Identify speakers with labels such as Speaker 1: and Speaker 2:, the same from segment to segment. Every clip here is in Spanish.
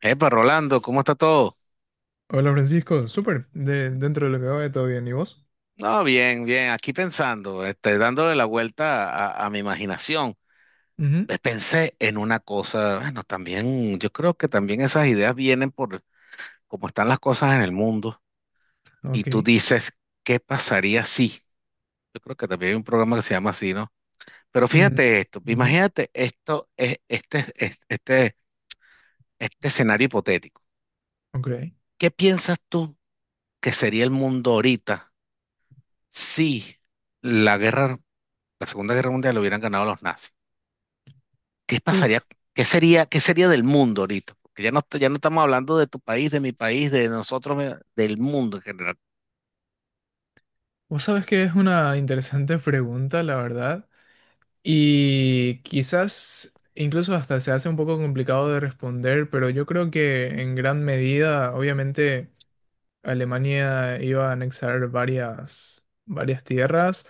Speaker 1: Epa, Rolando, ¿cómo está todo?
Speaker 2: Hola Francisco, súper, dentro de lo que cabe todo bien, ¿y vos?
Speaker 1: No, bien, bien, aquí pensando, dándole la vuelta a mi imaginación.
Speaker 2: Ujú.
Speaker 1: Pues pensé en una cosa, bueno, también, yo creo que también esas ideas vienen por cómo están las cosas en el mundo. Y
Speaker 2: Ok.
Speaker 1: tú dices, ¿qué pasaría si? Yo creo que también hay un programa que se llama así, ¿no? Pero
Speaker 2: Mm.
Speaker 1: fíjate esto,
Speaker 2: Ujú.
Speaker 1: imagínate esto, este escenario hipotético.
Speaker 2: Ok.
Speaker 1: ¿Qué piensas tú que sería el mundo ahorita si la guerra la Segunda Guerra Mundial lo hubieran ganado los nazis? ¿Qué pasaría?
Speaker 2: Uf,
Speaker 1: Qué sería del mundo ahorita? Porque ya no estamos hablando de tu país, de mi país, de nosotros, del mundo en general.
Speaker 2: vos sabés que es una interesante pregunta, la verdad, y quizás incluso hasta se hace un poco complicado de responder, pero yo creo que en gran medida, obviamente, Alemania iba a anexar varias tierras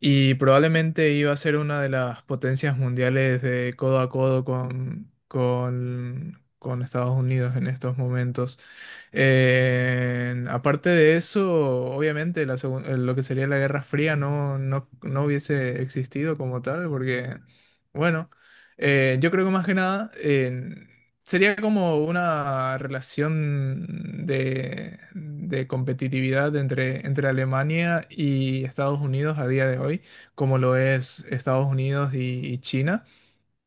Speaker 2: y probablemente iba a ser una de las potencias mundiales de codo a codo con Estados Unidos en estos momentos. Aparte de eso, obviamente lo que sería la Guerra Fría no hubiese existido como tal, porque, bueno, yo creo que más que nada sería como una relación de competitividad entre Alemania y Estados Unidos a día de hoy, como lo es Estados Unidos y China.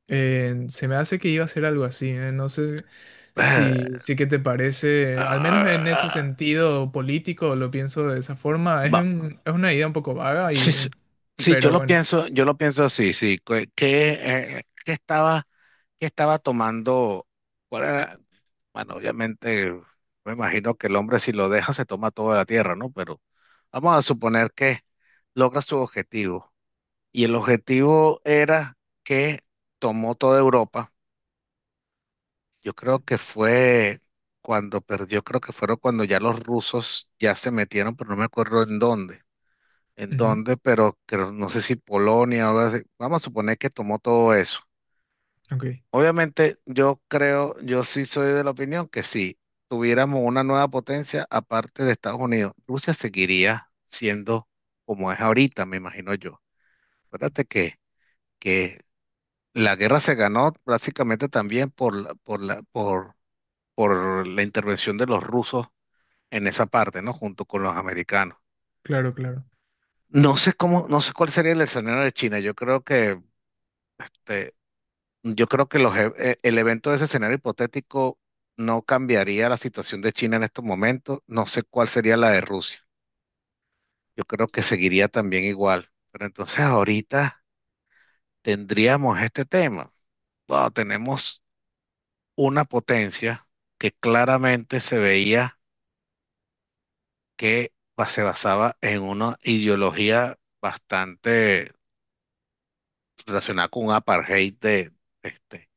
Speaker 2: Se me hace que iba a ser algo así, no sé si qué te parece, al
Speaker 1: Ah,
Speaker 2: menos en ese
Speaker 1: ah,
Speaker 2: sentido político lo pienso de esa forma.
Speaker 1: va,
Speaker 2: Es una idea un poco vaga
Speaker 1: sí, sí,
Speaker 2: y,
Speaker 1: sí,
Speaker 2: pero bueno.
Speaker 1: yo lo pienso así, sí. Eh, qué estaba, qué estaba tomando? ¿Cuál era? Bueno, obviamente, me imagino que el hombre si lo deja se toma toda la tierra, ¿no? Pero vamos a suponer que logra su objetivo. Y el objetivo era que tomó toda Europa. Yo creo que fue cuando perdió, creo que fueron cuando ya los rusos ya se metieron, pero no me acuerdo en dónde. En
Speaker 2: Ujú.
Speaker 1: dónde, pero no sé si Polonia o algo así. Vamos a suponer que tomó todo eso.
Speaker 2: Ok.
Speaker 1: Obviamente, yo sí soy de la opinión que si tuviéramos una nueva potencia aparte de Estados Unidos, Rusia seguiría siendo como es ahorita, me imagino yo. Acuérdate que que la guerra se ganó básicamente también por la intervención de los rusos en esa parte, ¿no? Junto con los americanos.
Speaker 2: Claro, claro.
Speaker 1: No sé cuál sería el escenario de China. Te- yo creo que el evento de ese escenario hipotético no cambiaría la situación de China en estos momentos. No sé cuál sería la de Rusia. Yo creo que seguiría también igual. Pero entonces ahorita tendríamos este tema. Wow, tenemos una potencia que claramente se veía que se basaba en una ideología bastante relacionada con un apartheid de, este,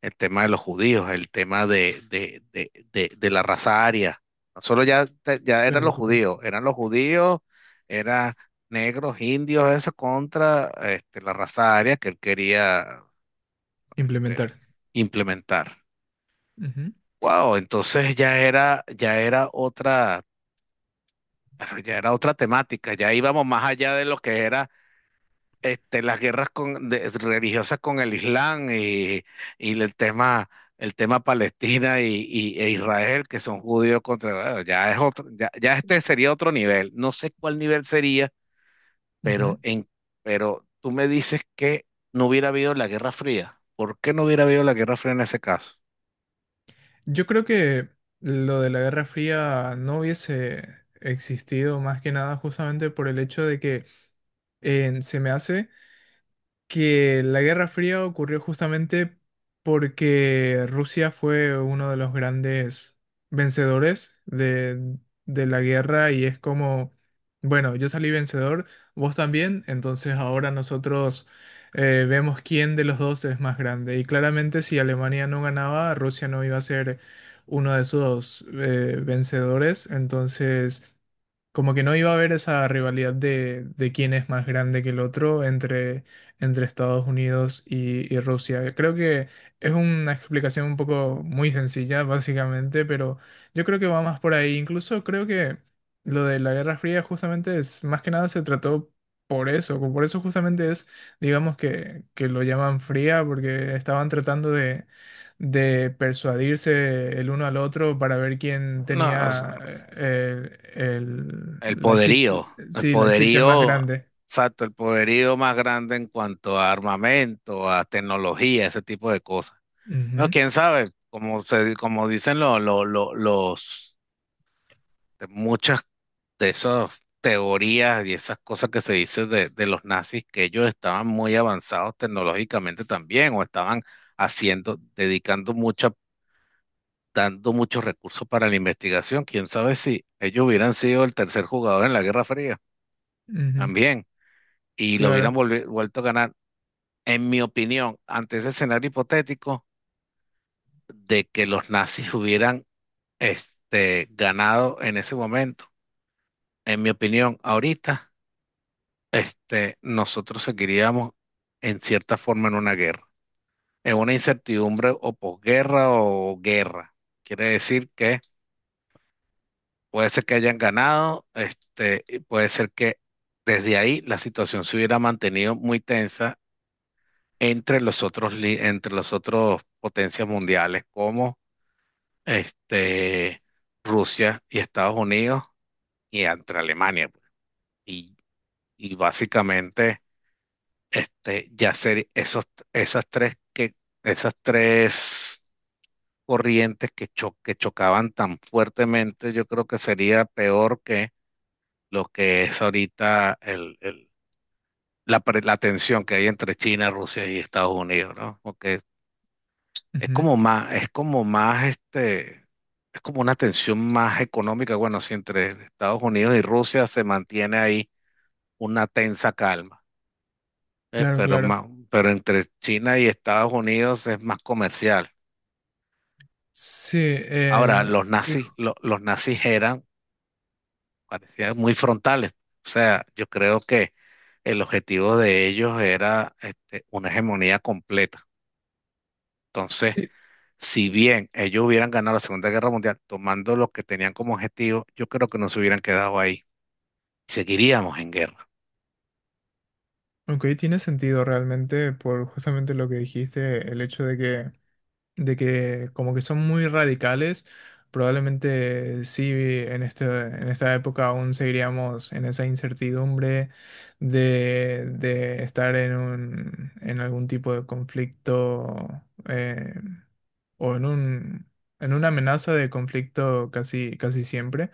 Speaker 1: el tema de los judíos, el tema de la raza aria. No solo ya, ya eran
Speaker 2: Claro,
Speaker 1: los
Speaker 2: claro.
Speaker 1: judíos, eran los judíos, eran negros, indios, eso contra, la raza aria que él quería, este,
Speaker 2: Implementar.
Speaker 1: implementar.
Speaker 2: Ujú,
Speaker 1: Wow, entonces ya era otra. Pero ya era otra temática, ya íbamos más allá de lo que era, las guerras religiosas con el Islam y, y el tema, el tema, Palestina y, e Israel, que son judíos contra, bueno, ya es otro, ya, ya sería otro nivel. No sé cuál nivel sería,
Speaker 2: ujú.
Speaker 1: pero pero tú me dices que no hubiera habido la Guerra Fría. ¿Por qué no hubiera habido la Guerra Fría en ese caso?
Speaker 2: Yo creo que lo de la Guerra Fría no hubiese existido más que nada justamente por el hecho de que se me hace que la Guerra Fría ocurrió justamente porque Rusia fue uno de los grandes vencedores de la guerra y es como, bueno, yo salí vencedor, vos también, entonces ahora nosotros vemos quién de los dos es más grande. Y claramente si Alemania no ganaba, Rusia no iba a ser uno de sus vencedores, entonces... Como que no iba a haber esa rivalidad de quién es más grande que el otro entre Estados Unidos y, Rusia. Creo que es una explicación un poco muy sencilla, básicamente, pero yo creo que va más por ahí. Incluso creo que lo de la Guerra Fría justamente es, más que nada se trató por eso. Por eso justamente es, digamos que lo llaman fría, porque estaban tratando de persuadirse el uno al otro para ver quién
Speaker 1: No, o sea,
Speaker 2: tenía eh, el-
Speaker 1: El
Speaker 2: la chi-
Speaker 1: poderío, el
Speaker 2: sí, la chicha más
Speaker 1: poderío,
Speaker 2: grande.
Speaker 1: exacto, el poderío más grande en cuanto a armamento, a tecnología, ese tipo de cosas. Bueno,
Speaker 2: Ujú,
Speaker 1: quién sabe, como dicen los, de muchas de esas teorías y esas cosas que se dice de los nazis, que ellos estaban muy avanzados tecnológicamente también, o estaban haciendo, dedicando mucha, dando muchos recursos para la investigación. Quién sabe si ellos hubieran sido el tercer jugador en la Guerra Fría
Speaker 2: ujú,
Speaker 1: también. Y lo hubieran
Speaker 2: claro,
Speaker 1: vuelto a ganar, en mi opinión, ante ese escenario hipotético de que los nazis hubieran, ganado en ese momento. En mi opinión, ahorita, nosotros seguiríamos en cierta forma en una guerra, en una incertidumbre o posguerra o guerra. Quiere decir que puede ser que hayan ganado, y puede ser que desde ahí la situación se hubiera mantenido muy tensa entre los otros, entre los otros potencias mundiales como, este, Rusia y Estados Unidos y entre Alemania, pues. Y, básicamente, este, ya ser esos, esas tres, que, esas tres corrientes que chocaban tan fuertemente, yo creo que sería peor que lo que es ahorita, la tensión que hay entre China, Rusia y Estados Unidos, ¿no? Porque Es
Speaker 2: ujú,
Speaker 1: como más, es como más, este, es como una tensión más económica. Bueno, si entre Estados Unidos y Rusia se mantiene ahí una tensa calma, ¿eh?
Speaker 2: claro,
Speaker 1: Pero
Speaker 2: claro.
Speaker 1: más, pero entre China y Estados Unidos es más comercial.
Speaker 2: Sí,
Speaker 1: Ahora,
Speaker 2: y ju-
Speaker 1: los nazis eran, parecían muy frontales. O sea, yo creo que el objetivo de ellos era, una hegemonía completa. Entonces,
Speaker 2: sí,
Speaker 1: si bien ellos hubieran ganado la Segunda Guerra Mundial tomando lo que tenían como objetivo, yo creo que no se hubieran quedado ahí. Seguiríamos en guerra.
Speaker 2: ok, tiene sentido realmente por justamente lo que dijiste, el hecho de que como que son muy radicales. Probablemente sí, en esta época aún seguiríamos en esa incertidumbre de estar en un, en algún tipo de conflicto eh, o en un, en una amenaza de conflicto casi, casi siempre.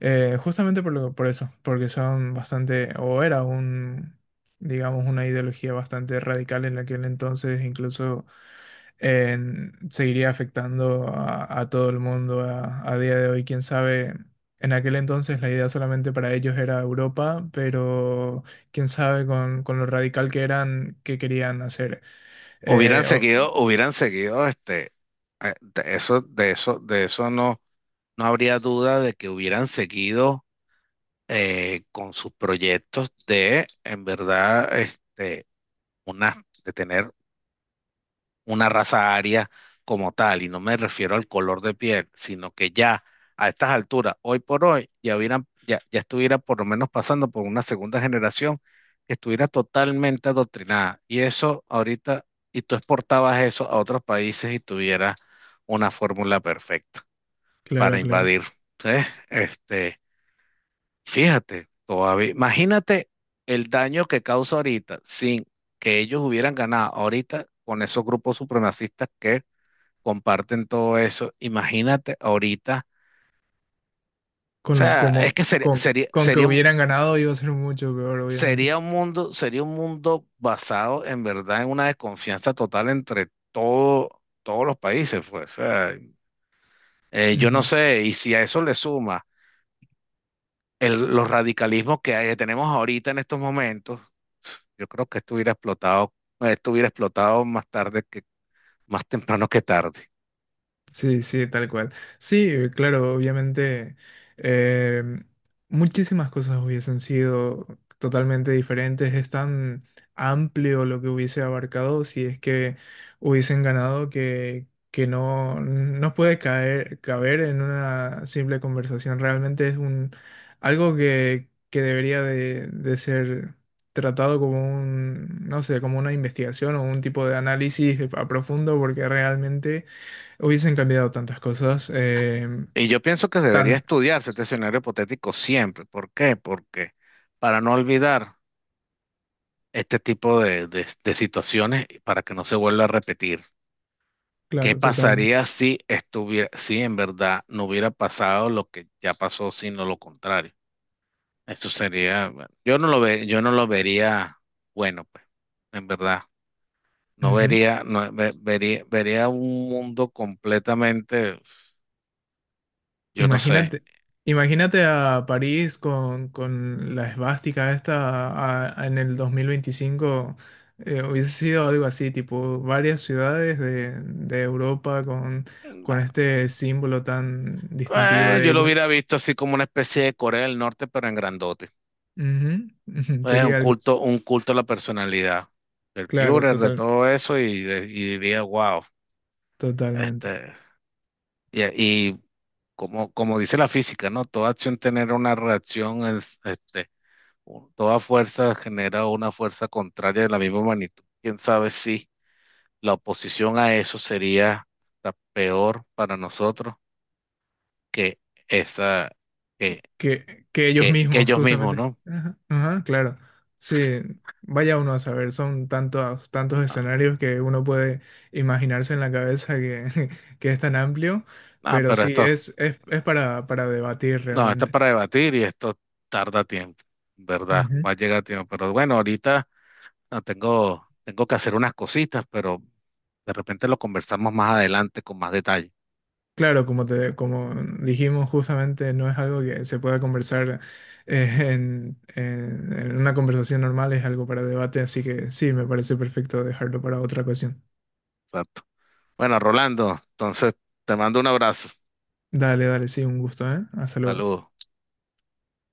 Speaker 2: Justamente por eso, porque son bastante, o era un, digamos, una ideología bastante radical en aquel entonces, incluso seguiría afectando a todo el mundo a día de hoy. Quién sabe, en aquel entonces la idea solamente para ellos era Europa, pero quién sabe con lo radical que eran, qué querían hacer.
Speaker 1: Hubieran
Speaker 2: Eh, o-
Speaker 1: seguido, hubieran seguido, de eso, de eso no, no habría duda de que hubieran seguido con sus proyectos de, en verdad, de tener una raza aria como tal, y no me refiero al color de piel, sino que ya a estas alturas, hoy por hoy, ya, ya estuviera por lo menos pasando por una segunda generación que estuviera totalmente adoctrinada. Y eso ahorita, y tú exportabas eso a otros países y tuviera una fórmula perfecta para
Speaker 2: claro, claro.
Speaker 1: invadir. ¿Sí? Este, fíjate, todavía, imagínate el daño que causa ahorita sin que ellos hubieran ganado ahorita con esos grupos supremacistas que comparten todo eso. Imagínate ahorita, o
Speaker 2: Con, lo-
Speaker 1: sea, es
Speaker 2: como,
Speaker 1: que sería, sería,
Speaker 2: con que
Speaker 1: sería, un-
Speaker 2: hubieran ganado iba a ser mucho peor, obviamente.
Speaker 1: sería un mundo, sería un mundo basado en verdad en una desconfianza total entre todos los países, pues. O sea, yo no sé, y si a eso le suma los radicalismos que tenemos ahorita en estos momentos, yo creo que esto hubiera explotado más temprano que tarde.
Speaker 2: Sí, sí, tal cual. Sí, claro, obviamente, em, muchísimas cosas hubiesen sido totalmente diferentes. Es tan amplio lo que hubiese abarcado si es que hubiesen ganado que, no puede caber en una simple conversación. Realmente es un, algo que debería de ser tratado como un, no sé, como una investigación o un tipo de análisis a profundo porque realmente hubiesen cambiado tantas cosas.
Speaker 1: Y yo pienso que debería
Speaker 2: Tan,
Speaker 1: estudiarse este escenario hipotético siempre. ¿Por qué? Porque para no olvidar este tipo de situaciones y para que no se vuelva a repetir. ¿Qué
Speaker 2: claro,
Speaker 1: pasaría
Speaker 2: totalmente.
Speaker 1: si si en verdad no hubiera pasado lo que ya pasó, sino lo contrario? Eso sería, bueno, yo no lo vería, bueno, pues, en verdad.
Speaker 2: Ujú.
Speaker 1: Vería un mundo completamente, yo no sé.
Speaker 2: Imagínate, imagínate a París con la esvástica esta en el 2025. Hubiese sido algo así, tipo varias ciudades de Europa
Speaker 1: Mm.
Speaker 2: con este símbolo tan distintivo de
Speaker 1: Yo lo
Speaker 2: ellos.
Speaker 1: hubiera visto así como una especie de Corea del Norte, pero en grandote.
Speaker 2: Ujú, ujú.
Speaker 1: Es
Speaker 2: Sería algo así.
Speaker 1: un culto a la personalidad del
Speaker 2: Claro,
Speaker 1: Führer, de
Speaker 2: total,
Speaker 1: todo eso, y, y diría, wow,
Speaker 2: totalmente.
Speaker 1: este, y, y como dice la física, ¿no? Toda acción genera una reacción, toda fuerza genera una fuerza contraria de la misma magnitud. ¿Quién sabe si la oposición a eso sería hasta peor para nosotros que esa, que,
Speaker 2: Que ellos
Speaker 1: que
Speaker 2: mismos,
Speaker 1: ellos mismos,
Speaker 2: justamente.
Speaker 1: no?
Speaker 2: Ajá, ajá, claro. Sí, vaya uno a saber, son tantos, tantos escenarios que uno puede imaginarse en la cabeza que, que es tan amplio,
Speaker 1: Ah,
Speaker 2: pero
Speaker 1: pero
Speaker 2: sí,
Speaker 1: esto,
Speaker 2: es para, debatir
Speaker 1: no, esto es
Speaker 2: realmente.
Speaker 1: para debatir y esto tarda tiempo, ¿verdad?
Speaker 2: Ujú.
Speaker 1: Va a llegar tiempo. Pero bueno, ahorita no, tengo que hacer unas cositas, pero de repente lo conversamos más adelante con más detalle.
Speaker 2: Claro, como te, como dijimos, justamente no es algo que se pueda conversar en una conversación normal, es algo para debate, así que sí, me parece perfecto dejarlo para otra ocasión.
Speaker 1: Exacto. Bueno, Rolando, entonces te mando un abrazo.
Speaker 2: Dale, dale, sí, un gusto, ¿eh? Hasta luego.
Speaker 1: Saludos.